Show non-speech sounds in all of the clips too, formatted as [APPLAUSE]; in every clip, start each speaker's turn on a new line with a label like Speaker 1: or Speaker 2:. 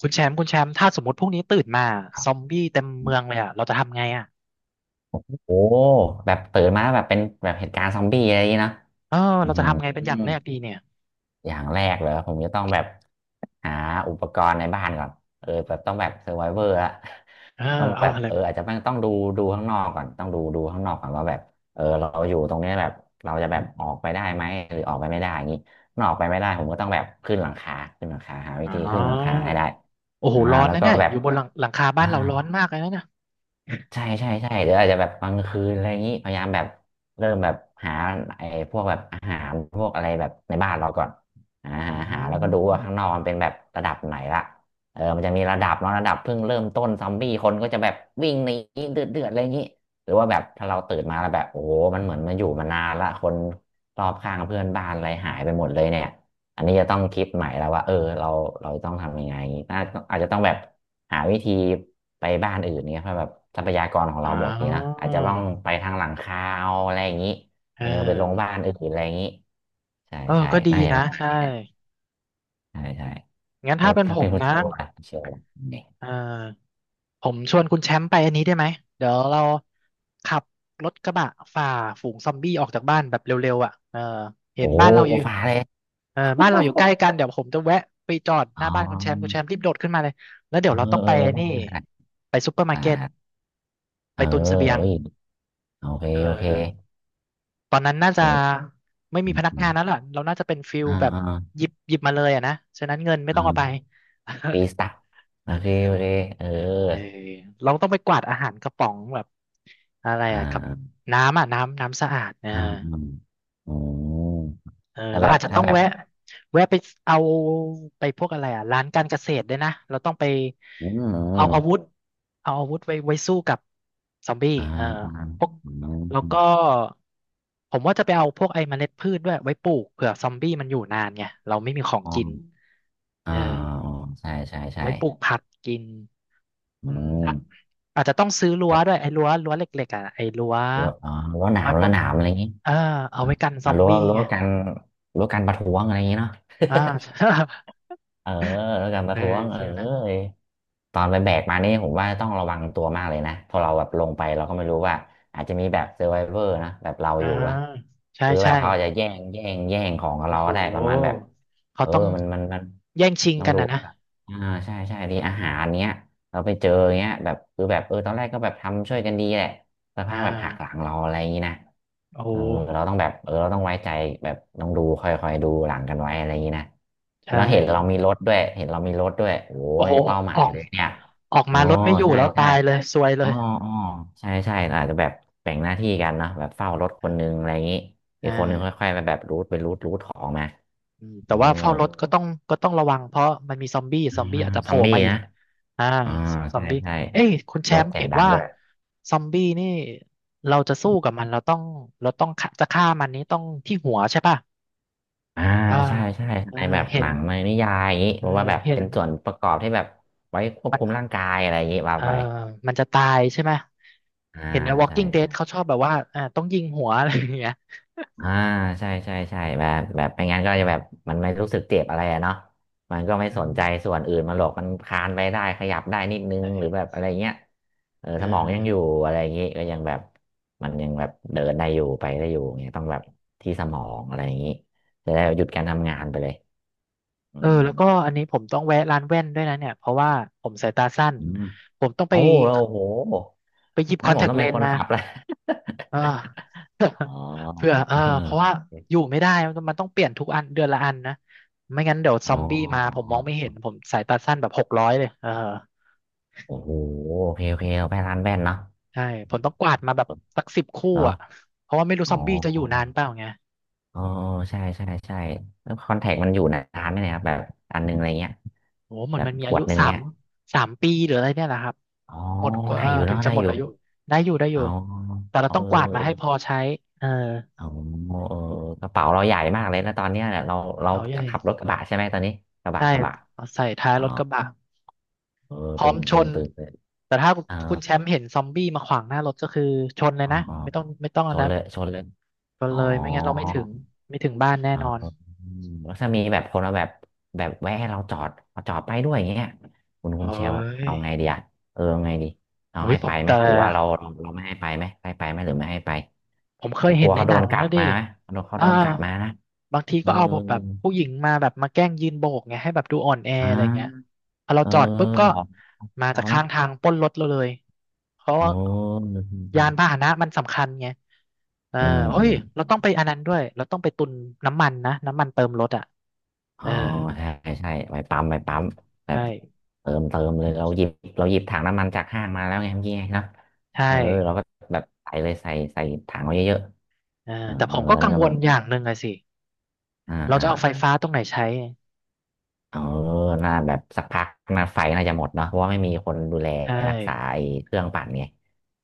Speaker 1: คุณแชมป์คุณแชมป์ถ้าสมมติพรุ่งนี้ตื่นมาซอมบี้เต็มเมืองเลยอ่ะเราจะทำไงอ่ะ
Speaker 2: โอ้แบบตื่นมาแบบเป็นแบบเหตุการณ์ซอมบี้อะไรอย่างนี้เนอะ
Speaker 1: เออ
Speaker 2: อือ
Speaker 1: เราจะ
Speaker 2: หือ
Speaker 1: ทำไงเป็น
Speaker 2: อื
Speaker 1: อย่าง
Speaker 2: ม
Speaker 1: แรกดีเนี่ย
Speaker 2: อย่างแรกเลยผมจะต้องแบบหาอุปกรณ์ในบ้านก่อนแบบต้องแบบเซอร์ไวเวอร์ละ
Speaker 1: เออ
Speaker 2: ต้อง
Speaker 1: เอา
Speaker 2: แบบ
Speaker 1: อะไร
Speaker 2: อาจจะต้องดูข้างนอกก่อนต้องดูข้างนอกก่อนว่าแบบเราอยู่ตรงเนี้ยแบบเราจะแบบออกไปได้ไหมหรือออกไปไม่ได้อย่างนี้ถ้าออกไปไม่ได้ผมก็ต้องแบบขึ้นหลังคาขึ้นหลังคาหาวิ
Speaker 1: อ๋อ
Speaker 2: ธีขึ้นหลังคาให้ได้
Speaker 1: โอ้โหร้อน
Speaker 2: แล้ว
Speaker 1: นะ
Speaker 2: ก็
Speaker 1: เนี่ย
Speaker 2: แบ
Speaker 1: อ
Speaker 2: บ
Speaker 1: ยู่บนหลังคาบ้า
Speaker 2: อ่า
Speaker 1: นเราร้อนมากเลยนะเนี่ย
Speaker 2: ใช่ใช่ใช่เดี๋ยวอาจจะแบบกลางคืนอะไรอย่างนี้พยายามแบบเริ่มแบบหาไอ้พวกแบบอาหารพวกอะไรแบบในบ้านเราก่อน
Speaker 1: อื
Speaker 2: หาแล้วก็ดูว่าข้างนอก
Speaker 1: ม
Speaker 2: มันเป็นแบบระดับไหนละมันจะมีระดับเนาะระดับเพิ่งเริ่มต้นซอมบี้คนก็จะแบบวิ่งหนีเดือดอะไรอย่างนี้หรือว่าแบบถ้าเราตื่นมาแล้วแบบโอ้โหมันเหมือนมันอยู่มานานละคนรอบข้างเพื่อนบ้านอะไรหายไปหมดเลยเนี่ย อันนี้จะต้องคิดใหม่แล้วว่าเราต้องทำยังไงน่าอาจจะต้องแบบหาวิธีไปบ้านอื่นเนี่ยเพราะแบบทรัพยากรของ
Speaker 1: อ๋
Speaker 2: เรา
Speaker 1: อ
Speaker 2: หมดนี่นะอาจจะต้องไปทางหลังคาเอาอะไรอย่างนี้
Speaker 1: เอ
Speaker 2: ไป
Speaker 1: อ
Speaker 2: ลงบ้านอื่นอะไรอย่างนี้ใช่
Speaker 1: เออ
Speaker 2: ใช่
Speaker 1: ก็ดี
Speaker 2: น่าจะ
Speaker 1: นะ
Speaker 2: ประมาณ
Speaker 1: ใช่
Speaker 2: นี้แหละใช่ใช่
Speaker 1: งั้น
Speaker 2: แล้
Speaker 1: ถ้า
Speaker 2: ว
Speaker 1: เป็นผ
Speaker 2: ถ้าเป็
Speaker 1: ม
Speaker 2: น
Speaker 1: นะ
Speaker 2: คุณเชลเนี่ย
Speaker 1: เออ ผมชวนคุณแชมป์ไปอันนี้ได้ไหมเดี๋ยวเราขับรถกระบะฝ่าฝูงซอมบี้ออกจากบ้านแบบเร็วๆอ่ะเออเห็
Speaker 2: โอ้
Speaker 1: นบ้านเราอยู่
Speaker 2: ฟ้าเลย [LAUGHS]
Speaker 1: เออบ้านเราอยู่ใกล้กันเดี๋ยวผมจะแวะไปจอด
Speaker 2: อ๋
Speaker 1: หน้าบ้านคุณแชมป์คุณแช
Speaker 2: อ
Speaker 1: มป์รีบโดดขึ้นมาเลยแล้วเดี๋ย
Speaker 2: อ
Speaker 1: วเราต้อง
Speaker 2: เอ
Speaker 1: ไป
Speaker 2: อ
Speaker 1: นี่
Speaker 2: ได้
Speaker 1: ไปซปเปอร์มาร์เก็ต
Speaker 2: อ่าเอ
Speaker 1: ไป
Speaker 2: อ
Speaker 1: ตุนเสบียง
Speaker 2: เอ้ยโอเค
Speaker 1: เอ
Speaker 2: โอเค
Speaker 1: อตอนนั้นน่า
Speaker 2: เห
Speaker 1: จะ
Speaker 2: มือน
Speaker 1: ไม่มีพนักงาน
Speaker 2: นะ
Speaker 1: แล้วล่ะเราน่าจะเป็นฟิล
Speaker 2: อ่า
Speaker 1: แบบ
Speaker 2: อ่า
Speaker 1: หยิบมาเลยอ่ะนะฉะนั้นเงินไม่
Speaker 2: อ่า
Speaker 1: ต้องเอาไป
Speaker 2: ฟีสตะโอเคโอเค
Speaker 1: [LAUGHS]
Speaker 2: เออ
Speaker 1: เออเราต้องไปกวาดอาหารกระป๋องแบบอะไร
Speaker 2: อ่
Speaker 1: อะกับ
Speaker 2: า
Speaker 1: น้ำอ่ะน้ำน้ำสะอาดเออ
Speaker 2: อ่าอืมอืม
Speaker 1: เออ
Speaker 2: ถ้า
Speaker 1: เรา
Speaker 2: แบบ
Speaker 1: อาจจะ
Speaker 2: ถ้า
Speaker 1: ต้อง
Speaker 2: แบบ
Speaker 1: แวะไปเอาไปพวกอะไรอ่ะร้านการเกษตรด้วยนะเราต้องไป
Speaker 2: อืมอื
Speaker 1: เอาอาวุ
Speaker 2: ม
Speaker 1: ธเอาอาวุธไว้สู้กับซอมบี้
Speaker 2: อ่า
Speaker 1: เออ
Speaker 2: อ่า
Speaker 1: พวก
Speaker 2: อ
Speaker 1: แล้ว
Speaker 2: ืม
Speaker 1: ก็ผมว่าจะไปเอาพวกไอ้เมล็ดพืชด้วยไว้ปลูกเผื่อซอมบี้มันอยู่นานไงเราไม่มีของ
Speaker 2: อ๋อ
Speaker 1: กินเอ
Speaker 2: อ่าอ๋อ
Speaker 1: อ
Speaker 2: ใช่ใช่ใช่
Speaker 1: ไว้ปลูกผักกิน
Speaker 2: อื
Speaker 1: อืม
Speaker 2: ม
Speaker 1: อ่ะอาจจะต้องซื้อรั้ว
Speaker 2: แบบ
Speaker 1: ด้วยไอ้รั้วเหล็กๆอ่ะไอ้รั้ว
Speaker 2: รั้วอ๋อ
Speaker 1: เอาไว้ป
Speaker 2: รั้
Speaker 1: ล
Speaker 2: ว
Speaker 1: ด
Speaker 2: หนามอะไรอย่างงี้
Speaker 1: เออเอา
Speaker 2: อ่า
Speaker 1: ไว้กันซอมบี้
Speaker 2: รั้ว
Speaker 1: ไง
Speaker 2: กันรั้วกันประท้วงอะไรอย่างงี้เนาะ
Speaker 1: อ่า [LAUGHS]
Speaker 2: [LAUGHS] เออรั้วกันป
Speaker 1: เอ
Speaker 2: ระ
Speaker 1: อ
Speaker 2: ท้วงเอ
Speaker 1: ฟีลนั้น
Speaker 2: อ ตอนไปแบกมานี่ผมว่าต้องระวังตัวมากเลยนะพอเราแบบลงไปเราก็ไม่รู้ว่าอาจจะมีแบบเซ r ร์ v วเวอร์นะแบบเรา
Speaker 1: อ่า
Speaker 2: อยู่อะ
Speaker 1: ใช่
Speaker 2: คือแบ
Speaker 1: ใช่
Speaker 2: บเขาอาจจะแย่งของกับ
Speaker 1: โอ้
Speaker 2: เรา
Speaker 1: โห
Speaker 2: ก็ได้ประมาณแบบ
Speaker 1: เขา
Speaker 2: อ
Speaker 1: ต้อง
Speaker 2: มัน
Speaker 1: แย่งชิง
Speaker 2: ต้อง
Speaker 1: กัน
Speaker 2: ดู
Speaker 1: อ่ะนะ
Speaker 2: ครับอ่าใช่ใช่ดีอาหารเนี้ย เราไปเจออย่างเงี้ยแบบคือแบบตอนแรกก็แบบทำช่วยกันดีแหละสัก
Speaker 1: อ่
Speaker 2: พักแบบหักหลั
Speaker 1: า
Speaker 2: งเราอะไรอย่างงี้นะ
Speaker 1: โอ้โห
Speaker 2: เออเออเราต้องไว้ใจแบบต้องดูคอยดูหลังกันไว้อะไรอย่างงี้นะ
Speaker 1: ใช่
Speaker 2: แล้วเห็นเรามีรถด้วยโอ้
Speaker 1: โอ้
Speaker 2: ย
Speaker 1: โห
Speaker 2: เป้าหมา
Speaker 1: ออ
Speaker 2: ย
Speaker 1: ก
Speaker 2: เลยเนี่ย
Speaker 1: ออก
Speaker 2: อ๋อ
Speaker 1: มารถไม่อยู่
Speaker 2: ใช่
Speaker 1: แล้ว
Speaker 2: ใช่
Speaker 1: ตายเลยซวยเล
Speaker 2: อ๋อ
Speaker 1: ย
Speaker 2: อ๋อใช่ใช่อาจจะแบบแบ่งหน้าที่กันเนาะแบบเฝ้ารถคนนึงอะไรอย่างนี้อี
Speaker 1: อ่
Speaker 2: กคนนึง
Speaker 1: า
Speaker 2: ค่อยๆไปแบบรูทไปรูทรูทของมา
Speaker 1: อืม
Speaker 2: เอ
Speaker 1: แต่
Speaker 2: อ
Speaker 1: ว่าเฝ้ารถก็ต้องก็ต้องระวังเพราะมันมีซอมบี้ซ
Speaker 2: อ่า
Speaker 1: อมบี้อาจจะโผ
Speaker 2: ซั
Speaker 1: ล่
Speaker 2: มบี้
Speaker 1: มาอีก
Speaker 2: นะ
Speaker 1: อ่า
Speaker 2: อ่า
Speaker 1: ซอ
Speaker 2: ใช่
Speaker 1: มบี้
Speaker 2: ใช่
Speaker 1: เอ้ยคุณแช
Speaker 2: รถ
Speaker 1: มป์
Speaker 2: เสีย
Speaker 1: เห็
Speaker 2: ง
Speaker 1: น
Speaker 2: ดัง
Speaker 1: ว่า
Speaker 2: ด้วย
Speaker 1: ซอมบี้นี่เราจะสู้กับมันเราต้องเราต้องฆ่าจะฆ่ามันนี้ต้องที่หัวใช่ป่ะ
Speaker 2: อ่า
Speaker 1: อ่า
Speaker 2: ใช่ใช่
Speaker 1: เออ
Speaker 2: ในแบบ
Speaker 1: เห็
Speaker 2: หนั
Speaker 1: น
Speaker 2: งในนิยายอย่างนี้
Speaker 1: เออ
Speaker 2: ผมว่าแบบ
Speaker 1: เห็น
Speaker 2: เป็นส่วนประกอบที่แบบไว้ควบคุมร่างกายอะไรอย่างนี้ว่า
Speaker 1: เออ
Speaker 2: ไป
Speaker 1: มันจะตายใช่ไหม
Speaker 2: อ่า
Speaker 1: เห็นใน
Speaker 2: ใช่
Speaker 1: Walking Dead
Speaker 2: ใช่
Speaker 1: เขาชอบแบบว่าต้องยิงหัว [LAUGHS] อะไรอย่างเงี้ย
Speaker 2: อ่าใช่ใช่ใช่แบบแบบไม่งั้นก็จะแบบมันไม่รู้สึกเจ็บอะไรอะเนาะมัน
Speaker 1: อื
Speaker 2: ก็ไม่สนใจส่
Speaker 1: ม
Speaker 2: วนอื่นมันหรอกมันคลานไปได้ขยับได้นิดนึง
Speaker 1: เอ
Speaker 2: หรือแบบ
Speaker 1: อ
Speaker 2: อะไรเงี้ย
Speaker 1: เ
Speaker 2: สมองยังอยู่
Speaker 1: อ
Speaker 2: อะไรอย่างงี้ก็ยังแบบมันยังแบบเดินได้อยู่ไปได้อยู่เงี้ยต้องแบบที่สมองอะไรอย่างงี้จะได้หยุดการทำงานไปเลยอื
Speaker 1: อเออ
Speaker 2: ม
Speaker 1: แล้วก็อันนี้ผมต้องแวะร้านแว่นด้วยนะเนี่ยเพราะว่าผมสายตาสั้น
Speaker 2: อืม
Speaker 1: ผมต้องไป
Speaker 2: โอ้แล้วโอ้โห
Speaker 1: ไปหยิบค
Speaker 2: งั้น
Speaker 1: อน
Speaker 2: ผ
Speaker 1: แท
Speaker 2: ม
Speaker 1: ค
Speaker 2: ต้อง
Speaker 1: เล
Speaker 2: เป็น
Speaker 1: น
Speaker 2: ค
Speaker 1: ส์
Speaker 2: น
Speaker 1: มา
Speaker 2: ขับแล้ว
Speaker 1: อ่า
Speaker 2: [LAUGHS] อ๋อ
Speaker 1: [LAUGHS] เพื่อ
Speaker 2: เอ
Speaker 1: เพราะว่า
Speaker 2: อ
Speaker 1: อยู่ไม่ได้มันต้องเปลี่ยนทุกอันเดือนละอันนะไม่งั้นเดี๋ยวซ
Speaker 2: อ๋
Speaker 1: อมบี้มาผม
Speaker 2: อ
Speaker 1: มองไม่เห็นผมสายตาสั้นแบบ600เลยเออ
Speaker 2: โอ้โหโอเคโอเคเอาไปร้านแว่นเนาะ
Speaker 1: ใช่ผมต้องกวาดมาแบบสัก10คู่
Speaker 2: เหรอ
Speaker 1: อ่ะเพราะว่าไม่รู้
Speaker 2: อ๋
Speaker 1: ซ
Speaker 2: อ
Speaker 1: อมบี้จะอยู่นานเปล่าไง
Speaker 2: อใช่ใช่ใช่แล้วคอนแทคมันอยู่นานไหมเนี่ยครับแบบอันหนึงอะไรเงี้ย
Speaker 1: โอ้เหมือ
Speaker 2: แบ
Speaker 1: น
Speaker 2: บ
Speaker 1: มันมี
Speaker 2: ข
Speaker 1: อา
Speaker 2: ว
Speaker 1: ยุ
Speaker 2: ดหนึ่ง
Speaker 1: สาม
Speaker 2: เนี่ย
Speaker 1: ปีหรืออะไรเนี่ยแหละครับ
Speaker 2: อ๋อ
Speaker 1: หมดกว่าเอ
Speaker 2: ได้
Speaker 1: อ
Speaker 2: อยู่
Speaker 1: ถึง
Speaker 2: เนาะ
Speaker 1: จะ
Speaker 2: ได้
Speaker 1: หม
Speaker 2: อ
Speaker 1: ด
Speaker 2: ยู่
Speaker 1: อายุได้อยู่ได้อ
Speaker 2: เอ
Speaker 1: ยู่แต่เรา
Speaker 2: เอ
Speaker 1: ต้องกวาดมาให้พ
Speaker 2: อ
Speaker 1: อใช้เออ
Speaker 2: เออเออกระเป๋าเราใหญ่มากเลยนะตอนเนี้ยเนี่ยเรา
Speaker 1: เป๋าใหญ่
Speaker 2: ขับรถกระบะใช่ไหมตอนนี้
Speaker 1: ใช่
Speaker 2: กระบะ
Speaker 1: เอาใส่ท้าย
Speaker 2: อ๋อ
Speaker 1: รถกระบะ
Speaker 2: เออ
Speaker 1: พร้อ
Speaker 2: ตึ
Speaker 1: ม
Speaker 2: ง
Speaker 1: ช
Speaker 2: ตึง
Speaker 1: น
Speaker 2: ตึงเลย
Speaker 1: แต่ถ้า
Speaker 2: เออ
Speaker 1: คุณแชมป์เห็นซอมบี้มาขวางหน้ารถก็คือชนเลย
Speaker 2: อ๋อ
Speaker 1: นะ
Speaker 2: อ๋อ
Speaker 1: ไม่ต้อง
Speaker 2: ช
Speaker 1: อัน
Speaker 2: น
Speaker 1: นะ
Speaker 2: เลยชนเลย
Speaker 1: ชน
Speaker 2: อ๋
Speaker 1: เลยไม่งั้นเราไม่
Speaker 2: อ
Speaker 1: ถึงไม่ถึงบ้านแน่
Speaker 2: อ๋อ
Speaker 1: นอน
Speaker 2: อืมแล้วถ้ามีแบบคนมาแบบแวะให้เราจอดมาจอดไปด้วยอย่างเงี้ยคุณเช
Speaker 1: เฮ้
Speaker 2: ล
Speaker 1: ย
Speaker 2: เอาไงดีอะเอาไงดีเอา
Speaker 1: โอ้ย
Speaker 2: ให้
Speaker 1: ผ
Speaker 2: ไป
Speaker 1: ม
Speaker 2: ไหม
Speaker 1: แต่
Speaker 2: หรือว่าเราไม่ให้ไปไหมให้ไปไหมหรือไม่ให้ไป
Speaker 1: ผมเค
Speaker 2: แต่
Speaker 1: ย
Speaker 2: ก
Speaker 1: เห็
Speaker 2: ลั
Speaker 1: น
Speaker 2: ว
Speaker 1: ใน
Speaker 2: เขา
Speaker 1: ห
Speaker 2: โด
Speaker 1: นั
Speaker 2: น
Speaker 1: ง
Speaker 2: กั
Speaker 1: แล้ว
Speaker 2: ด
Speaker 1: ดิ
Speaker 2: มาไหมเขา
Speaker 1: อ่า
Speaker 2: โดนกัดมานะ
Speaker 1: บางที
Speaker 2: เออ
Speaker 1: ก็เอาแบบผู้หญิงมาแบบมาแกล้งยืนโบกไงให้แบบดูอ่อนแอ
Speaker 2: อ่า
Speaker 1: อะไรเงี้ยพอเรา
Speaker 2: เออ
Speaker 1: จอดปุ๊บ
Speaker 2: ห
Speaker 1: ก็
Speaker 2: ลอก
Speaker 1: มาจา
Speaker 2: เรา
Speaker 1: ก
Speaker 2: นะ
Speaker 1: ข้างทางปล้นรถเราเลยเพราะ
Speaker 2: โอ้
Speaker 1: ว่ายานพาห
Speaker 2: ใช่
Speaker 1: นะมันสำคัญไงเออ
Speaker 2: เอ
Speaker 1: เฮ้ย
Speaker 2: ม
Speaker 1: เราต้องไปอันนั้นด้วยเราต้องไปตุนน้ำมันนะน้ำมันเติมรถอ่ะ
Speaker 2: อ๋
Speaker 1: เอ
Speaker 2: อ
Speaker 1: อ
Speaker 2: ใช่ใช่ไปปั๊มไปปั๊มแบ
Speaker 1: ใ
Speaker 2: บ
Speaker 1: ช่
Speaker 2: เติมเติมเลยเราหยิบเราหยิบถังน้ำมันจากห้างมาแล้วไงเมื่อกี้ไงเนาะ
Speaker 1: ใช่
Speaker 2: เออเราก็แบบใส่เลยใส่ใส่ถังไว้เยอะ
Speaker 1: เออ
Speaker 2: ๆเออ
Speaker 1: แต่ผมก็กัง
Speaker 2: แล้ว
Speaker 1: ว
Speaker 2: ก็
Speaker 1: ลอย่างหนึ่งอะสิ
Speaker 2: อ่า
Speaker 1: เรา
Speaker 2: อ่า
Speaker 1: จะเอาไฟฟ้าตรงไหนใช้
Speaker 2: เออน่าแบบสักพักน่าไฟน่าจะหมดเนาะเพราะว่าไม่มีคนดูแล
Speaker 1: ใช่
Speaker 2: รักษาไอ้เครื่องปั่นไง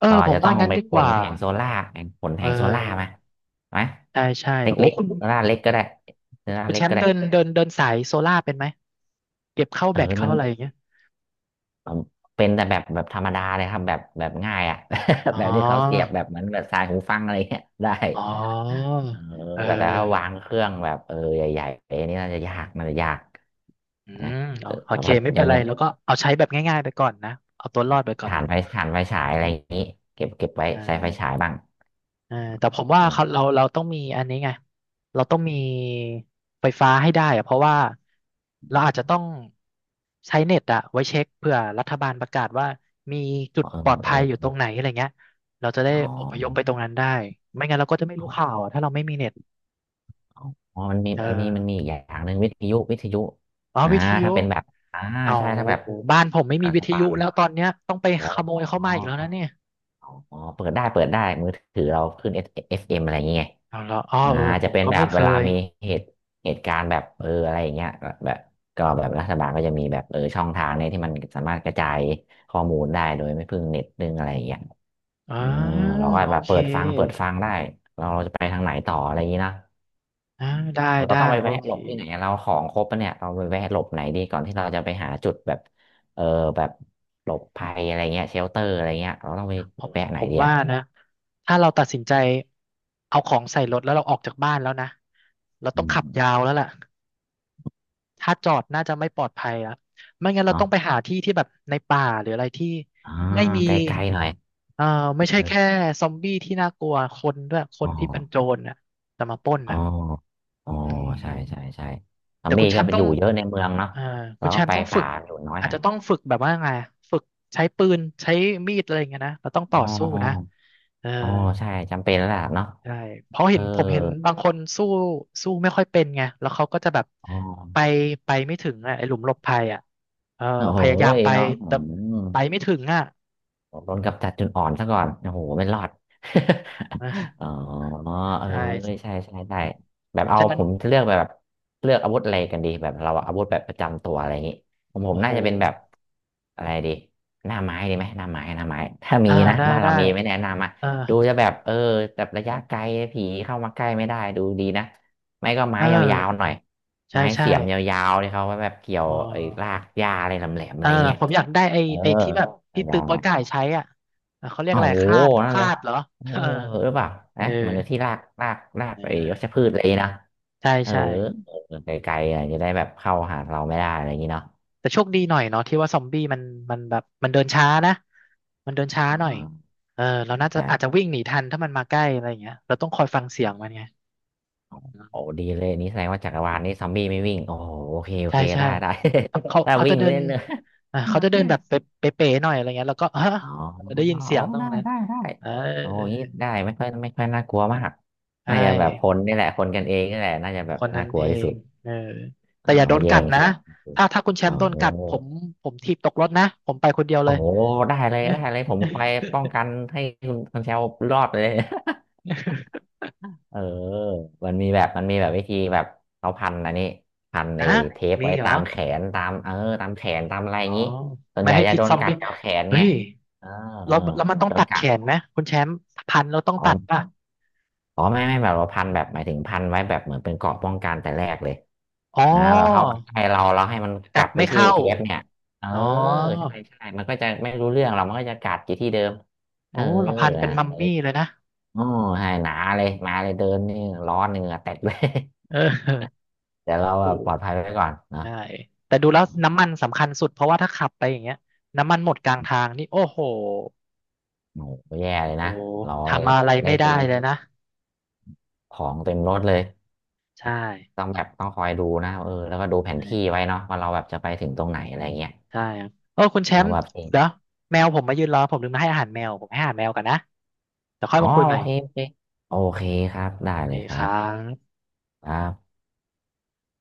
Speaker 1: เอ
Speaker 2: เรา
Speaker 1: อผ
Speaker 2: อาจ
Speaker 1: ม
Speaker 2: จะต้
Speaker 1: ว่า
Speaker 2: อง
Speaker 1: งั้น
Speaker 2: ไป
Speaker 1: ดี
Speaker 2: ข
Speaker 1: ก
Speaker 2: น
Speaker 1: ว่า
Speaker 2: แผงโซล่าร์แผงขน
Speaker 1: เ
Speaker 2: แผงโซล่าร์มา
Speaker 1: ออ
Speaker 2: ไหม
Speaker 1: ใช่ใช่โอ้
Speaker 2: เล็ก
Speaker 1: คุณ
Speaker 2: ๆโซล่าร์เล็กก็ได้โซล่าร์
Speaker 1: คุณ
Speaker 2: เล็
Speaker 1: แช
Speaker 2: ก
Speaker 1: ม
Speaker 2: ก็
Speaker 1: ป์
Speaker 2: ได้
Speaker 1: เดินเดินเดินสายโซล่าเป็นไหมเก็บเข้า
Speaker 2: เอ
Speaker 1: แบ
Speaker 2: อ
Speaker 1: ตเข้า
Speaker 2: มัน
Speaker 1: อะไรอย่างเงี้ย
Speaker 2: เป็นแต่แบบแบบธรรมดาเลยครับแบบแบบง่ายอ่ะ [LAUGHS]
Speaker 1: อ๋อ
Speaker 2: แบบที่เขาเสียบแบบเหมือนแบบสายหูฟังอะไรเงี้ยได้
Speaker 1: อ๋อ
Speaker 2: เออ
Speaker 1: เออ
Speaker 2: แต่แต่
Speaker 1: เอ
Speaker 2: ถ้า
Speaker 1: อ
Speaker 2: วางเครื่องแบบเออใหญ่ๆอันนี้น่าจะยากน่าจะยาก
Speaker 1: อื
Speaker 2: นะ
Speaker 1: ม
Speaker 2: แล
Speaker 1: โอ
Speaker 2: ้ว
Speaker 1: เค
Speaker 2: ก็
Speaker 1: ไม่เป็
Speaker 2: ยั
Speaker 1: น
Speaker 2: ง
Speaker 1: ไร
Speaker 2: ยัง
Speaker 1: แล้วก็เอาใช้แบบง่ายๆไปก่อนนะเอาตัวรอดไปก่อน
Speaker 2: ฐานไฟฐานไฟฉายอะไรอย่างนี้เก็บเก็บไว้
Speaker 1: อ่
Speaker 2: ใช้ไฟฉาย
Speaker 1: า
Speaker 2: บ้าง
Speaker 1: เออแต่ผมว่า
Speaker 2: อ๋อ
Speaker 1: เขาเราต้องมีอันนี้ไงเราต้องมีไฟฟ้าให้ได้อะเพราะว่าเราอาจจะต้องใช้เน็ตอะไว้เช็คเผื่อรัฐบาลประกาศว่ามีจุ
Speaker 2: เอ
Speaker 1: ด
Speaker 2: อ
Speaker 1: ปลอด
Speaker 2: เอ
Speaker 1: ภัยอยู่ตร
Speaker 2: อ
Speaker 1: งไหนอะไรเงี้ยเราจะได้
Speaker 2: อ๋อ
Speaker 1: อพยพไปตรงนั้นได้ไม่งั้นเราก็จะไม่รู้
Speaker 2: อ๋อ
Speaker 1: ข่าวอะถ้าเราไม่มีเน็ต
Speaker 2: อ๋ออ๋อมันมี
Speaker 1: เอ
Speaker 2: มันมีมันมี
Speaker 1: อ
Speaker 2: อีกอย่างหนึ่งวิทยุวิทยุอ่า
Speaker 1: วิทยุ
Speaker 2: ถ้าเป็นแบบอ่า
Speaker 1: เอา
Speaker 2: ใช่ถ้าแบบ
Speaker 1: บ้านผมไม่มี
Speaker 2: รัฐ
Speaker 1: วิท
Speaker 2: บา
Speaker 1: ยุ
Speaker 2: ล
Speaker 1: แล้วตอนเนี้ยต้องไป
Speaker 2: เหรอ
Speaker 1: ขโมยเข้า
Speaker 2: อ๋อ
Speaker 1: มาอีกแล้วนะเนี่ย
Speaker 2: อ๋อเปิดได้เปิดได้มือถือเราขึ้น FM อฟเอ็มอะไรอย่างเงี้ย
Speaker 1: เอาละอ๋อ
Speaker 2: อ่า
Speaker 1: เออผ
Speaker 2: จะ
Speaker 1: ม
Speaker 2: เป็น
Speaker 1: ก็
Speaker 2: แบ
Speaker 1: ไม่
Speaker 2: บ
Speaker 1: เค
Speaker 2: เวลา
Speaker 1: ย
Speaker 2: มีเหตุเหตุการณ์แบบเอออะไรอย่างเงี้ยก็แบบก็แบบรัฐบาลก็จะมีแบบเออช่องทางเนี่ยที่มันสามารถกระจายข้อมูลได้โดยไม่พึ่งเน็ตพึ่งอะไรอย่างเงี้ย
Speaker 1: อ่า
Speaker 2: เออเราก็
Speaker 1: โอ
Speaker 2: แบบ
Speaker 1: เค
Speaker 2: เปิดฟังเปิดฟังได้เราเราจะไปทางไหนต่ออะไรอย่างงี้นะ
Speaker 1: อ่าได้
Speaker 2: เรา
Speaker 1: ได้
Speaker 2: ต้องไป
Speaker 1: โอ
Speaker 2: แวะ
Speaker 1: เค
Speaker 2: หลบที่ไหนเราของครบปะเนี่ยเราไปแวะหลบไหนดีก่อนที่เราจะไปหาจุดแบบเออแบบหลบภัยอะไรเงี้ยเชลเตอร์อะไรเงี้ยเราต้องไป
Speaker 1: ผม
Speaker 2: แวะไหนดี
Speaker 1: ว่า
Speaker 2: อะ
Speaker 1: นะถ้าเราตัดสินใจเอาของใส่รถแล้วเราออกจากบ้านแล้วนะเรา
Speaker 2: อื
Speaker 1: ต้องขับ
Speaker 2: ม
Speaker 1: ยาวแล้วล่ะถ้าจอดน่าจะไม่ปลอดภัยละไม่งั้นเรา
Speaker 2: เนาะ
Speaker 1: ต้องไปหาที่ที่แบบในป่าหรืออะไรที่
Speaker 2: อ่า
Speaker 1: ไม่มี
Speaker 2: ไกลๆหน่อย
Speaker 1: เอ่อไม่ใช่
Speaker 2: เ
Speaker 1: แค่
Speaker 2: ออ
Speaker 1: ซอมบี้ที่น่ากลัวคนด้วยค
Speaker 2: อ๋
Speaker 1: น
Speaker 2: อ
Speaker 1: ที่เป็นโจรน่ะจะมาปล้น
Speaker 2: อ๋อ
Speaker 1: น่ะ
Speaker 2: อ๋อ
Speaker 1: อื
Speaker 2: ใช่ใช่
Speaker 1: ม
Speaker 2: ใช่ทอ
Speaker 1: แต่
Speaker 2: ม
Speaker 1: คุ
Speaker 2: มี่
Speaker 1: ณแช
Speaker 2: ก็
Speaker 1: มป์
Speaker 2: ไป
Speaker 1: ต้
Speaker 2: อ
Speaker 1: อง
Speaker 2: ยู่เยอะในเมืองเนาะ
Speaker 1: เอ่อคุ
Speaker 2: เรา
Speaker 1: ณแช
Speaker 2: ก็
Speaker 1: ม
Speaker 2: ไป
Speaker 1: ป์ต้องฝึ
Speaker 2: ป่า
Speaker 1: ก
Speaker 2: อยู่น้อย
Speaker 1: อา
Speaker 2: ห
Speaker 1: จ
Speaker 2: น่อย
Speaker 1: จะต้องฝึกแบบว่าไงฝึกใช้ปืน ใช้มีดอะไรอย่างเงี้ยนะเราต้องต่
Speaker 2: อ๋
Speaker 1: อ
Speaker 2: อ
Speaker 1: สู้
Speaker 2: อ๋อ
Speaker 1: นะเออ
Speaker 2: อ๋อใช่ จำเป็นแล้วล่ะเนาะ
Speaker 1: ใช่เพราะ
Speaker 2: เอ
Speaker 1: เห็
Speaker 2: อ
Speaker 1: นผมเห็นบางคนสู้สู้ไม่ค่อยเป็นไงแล้วเขาก็จะแบบ
Speaker 2: อ๋อ
Speaker 1: ไปไม่ถึงอ่ะไอ้หลุมหลบภัยอ่ะเออ
Speaker 2: โอ้โห
Speaker 1: พยายามไป
Speaker 2: เนาะอื
Speaker 1: แต่
Speaker 2: ม
Speaker 1: ไปไม่ถึงอ่ะ
Speaker 2: ผมโดนกับจัดจุดอ่อนซะก่อนโอ้โหไม่รอด [LAUGHS]
Speaker 1: เออ
Speaker 2: อ๋อเออ
Speaker 1: ใช่
Speaker 2: ใช่ใช่ใช่แบบเอา
Speaker 1: ฉะนั้
Speaker 2: ผ
Speaker 1: น
Speaker 2: มจะเลือกแบบเลือกอาวุธอะไรกันดีแบบเราอาวุธแบบประจำตัวอะไรอย่างนี้ผมผ
Speaker 1: โอ้
Speaker 2: ม
Speaker 1: โห
Speaker 2: น่าจะเป็นแบบอะไรดีหน้าไม้ดีไหมหน้าไม้หน้าไม้ ถ้ามี
Speaker 1: อ่า
Speaker 2: นะ
Speaker 1: ได้
Speaker 2: บ้าน
Speaker 1: ได้
Speaker 2: เรามีไหม่แนะนำอ่ะ
Speaker 1: เออ
Speaker 2: ดูจะแบบเออแบบระยะไกลผีเข้ามาใกล้ไม่ได้ดูดีนะ ไม่ก็ไม้
Speaker 1: เอ
Speaker 2: ยาวๆห
Speaker 1: อ
Speaker 2: น่อย
Speaker 1: ใช่
Speaker 2: ไม้
Speaker 1: ใช่
Speaker 2: เสียมยาวๆที่เขาไว้แบบเกี่ยว
Speaker 1: อ๋อ
Speaker 2: ไอ้รากหญ้าอะไรแหลมๆ
Speaker 1: เอ
Speaker 2: อะ
Speaker 1: อ
Speaker 2: ไรเงี้ย
Speaker 1: ผมอยากได้ไอ้
Speaker 2: เออ
Speaker 1: ที่แบบที่ตื
Speaker 2: ยา
Speaker 1: อ
Speaker 2: ว
Speaker 1: โป๊ยก่ายใช้อ่ะเออเขาเรียก
Speaker 2: อ๋อ
Speaker 1: อะไร
Speaker 2: โห
Speaker 1: คลาดค
Speaker 2: นั่น
Speaker 1: ลา
Speaker 2: เลย
Speaker 1: ดเหรอ
Speaker 2: เออ
Speaker 1: [LAUGHS] เออ
Speaker 2: หรือเปล่า
Speaker 1: เออ
Speaker 2: นะเหมือนที่รากรากราก
Speaker 1: เอ
Speaker 2: ไอ้วัช
Speaker 1: อ
Speaker 2: พืชอะไรอย่างงี้นะ
Speaker 1: ใช่
Speaker 2: เออ
Speaker 1: ใช่
Speaker 2: เออไกลๆอ่ะจะได้แบบเข้าหาเราไม่ได้อะไรอย่างงี้เนาะ
Speaker 1: แต่โชคดีหน่อยเนาะที่ว่าซอมบี้มันแบบมันเดินช้านะมันเดินช้า
Speaker 2: อ๋
Speaker 1: หน่อย
Speaker 2: อ
Speaker 1: เออเรา
Speaker 2: ใช่
Speaker 1: น่าจะ
Speaker 2: ใช่
Speaker 1: อาจจะวิ่งหนีทันถ้ามันมาใกล้อะไรอย่างเงี้ยเราต้องคอยฟังเสียงมันไง
Speaker 2: โอ้โอ้ดีเลยนี่แสดงว่าจักรวาลนี้ซอมบี้ไม่วิ่งโอ้โหโอเคโอ
Speaker 1: ใช่
Speaker 2: เค
Speaker 1: ใช่
Speaker 2: ได้ได้
Speaker 1: เขา
Speaker 2: [LAUGHS] ถ้า
Speaker 1: จะ
Speaker 2: วิ่ง
Speaker 1: เดิน
Speaker 2: เล่นเลย
Speaker 1: อ่า
Speaker 2: หนั
Speaker 1: เขา
Speaker 2: ก
Speaker 1: จะเดิน
Speaker 2: แม่
Speaker 1: แบบเป๊ะๆหน่อยอะไรเงี้ยแล้วก็ฮะ
Speaker 2: อ๋อ
Speaker 1: ได้ยินเสี
Speaker 2: อ๋อ
Speaker 1: ยงตรง
Speaker 2: ได้
Speaker 1: นั้น
Speaker 2: ได้ได้
Speaker 1: เออ
Speaker 2: โอ้อยางงี้ได้ไม่ค่อยไม่ค่อยน่ากลัวมาก
Speaker 1: ใช่
Speaker 2: น่าจะแบบคนนี่แหละคนกันเองนี่แหละน่าจะแบ
Speaker 1: ค
Speaker 2: บ
Speaker 1: นนั้
Speaker 2: น่า
Speaker 1: น
Speaker 2: กลั
Speaker 1: เอ
Speaker 2: วที่สุ
Speaker 1: ง
Speaker 2: ด
Speaker 1: เออ
Speaker 2: อ๋
Speaker 1: แต่
Speaker 2: อ
Speaker 1: อย่าโดน
Speaker 2: แย่
Speaker 1: กัด
Speaker 2: ง
Speaker 1: นะ
Speaker 2: ชิง
Speaker 1: ถ้าคุณแช
Speaker 2: อ๋
Speaker 1: ม
Speaker 2: อ
Speaker 1: ป์โดนกัดผมถีบตกรถนะผมไปคนเดียวเล
Speaker 2: โอ้
Speaker 1: ย
Speaker 2: โหได้เล
Speaker 1: [LAUGHS]
Speaker 2: ย
Speaker 1: เอ๊ะ
Speaker 2: ได้เลยผมคอยป้องกันให้คุณคุณเชลรอดเลย [LAUGHS] เออมันมีแบบมันมีแบบวิธีแบบเขาพันอันนี้พันไอ้
Speaker 1: ฮะ
Speaker 2: เทป
Speaker 1: มี
Speaker 2: ไว้
Speaker 1: เหร
Speaker 2: ตา
Speaker 1: อ
Speaker 2: มแขนตามเออตามแขนตามอะไรอ
Speaker 1: อ๋อ
Speaker 2: ย่างนี้ส่วน
Speaker 1: ไม่
Speaker 2: ใหญ่
Speaker 1: ให้
Speaker 2: จะ
Speaker 1: พิษ
Speaker 2: โด
Speaker 1: ซ
Speaker 2: น
Speaker 1: อม
Speaker 2: กัด
Speaker 1: บี้
Speaker 2: แถวแขน
Speaker 1: เฮ้
Speaker 2: ไง
Speaker 1: ย
Speaker 2: เออเอ
Speaker 1: แล้
Speaker 2: อ
Speaker 1: วมันต้อง
Speaker 2: โด
Speaker 1: ตั
Speaker 2: น
Speaker 1: ด
Speaker 2: กั
Speaker 1: แข
Speaker 2: ด
Speaker 1: นไหมคุณแชมป์พันเราต้อง
Speaker 2: อ๋อ
Speaker 1: ตัดป่ะ
Speaker 2: อ๋อไม่ไม่แบบว่าพันแบบหมายถึงพันไว้แบบเหมือนเป็นเกราะป้องกันแต่แรกเลย
Speaker 1: อ๋อ
Speaker 2: นะแบบเข้ามาใกล้เราเราให้มันก
Speaker 1: กั
Speaker 2: ลั
Speaker 1: ด
Speaker 2: บไป
Speaker 1: ไม่
Speaker 2: ที่
Speaker 1: เข้า
Speaker 2: เทปเนี่ยเออ
Speaker 1: อ๋อ
Speaker 2: ใช่ใช่มันก็จะไม่รู้เรื่
Speaker 1: โอ้
Speaker 2: องเรามันก็จะกัดอยู่ที่เดิมเอ
Speaker 1: โอ้
Speaker 2: อ
Speaker 1: เราพันเป็น
Speaker 2: นะ
Speaker 1: มัมมี่เลยนะ
Speaker 2: โอ้ใช่หนาเลยมาเลยเดินนี่ร้อนเหงื่อแตกเลย
Speaker 1: เออ
Speaker 2: [LAUGHS] แต่เราแบ
Speaker 1: โอ้
Speaker 2: บปลอดภัยไว้ก่อนเนาะ
Speaker 1: ใช่แต่ดูแล้วน้ำมันสำคัญสุดเพราะว่าถ้าขับไปอย่างเงี้ยน้ำมันหมดกลางทางนี่โอ้โห
Speaker 2: โอ้โหแย่เลย
Speaker 1: โอ้
Speaker 2: นะ เรา
Speaker 1: ทำอะไร
Speaker 2: ได้
Speaker 1: ไม่ได้
Speaker 2: ทิ้ง
Speaker 1: เลยนะ
Speaker 2: ของเต็มรถเลย
Speaker 1: ใช่
Speaker 2: ต้องแบบต้องคอยดูนะเออแล้วก็ดูแผน
Speaker 1: ใช่
Speaker 2: ที่ไว้เนาะว่าเราแบบจะไปถึงตรงไหนอะไรเงี้ย
Speaker 1: ใช่ครับโอ้คุณแช
Speaker 2: เออ
Speaker 1: มป์
Speaker 2: แบบเอง
Speaker 1: เดี๋ยวแมวผมมายืนรอผมลืมมาให้อาหารแมว ผมให้อาหารแมวกันนะเดี๋ยวค่อย
Speaker 2: อ๋อ
Speaker 1: มาคุยให
Speaker 2: โอ
Speaker 1: ม่
Speaker 2: เคโอเคโอเคครับได้
Speaker 1: โอเค
Speaker 2: เลยค
Speaker 1: ค
Speaker 2: รั
Speaker 1: รั
Speaker 2: บ
Speaker 1: บ
Speaker 2: ครับ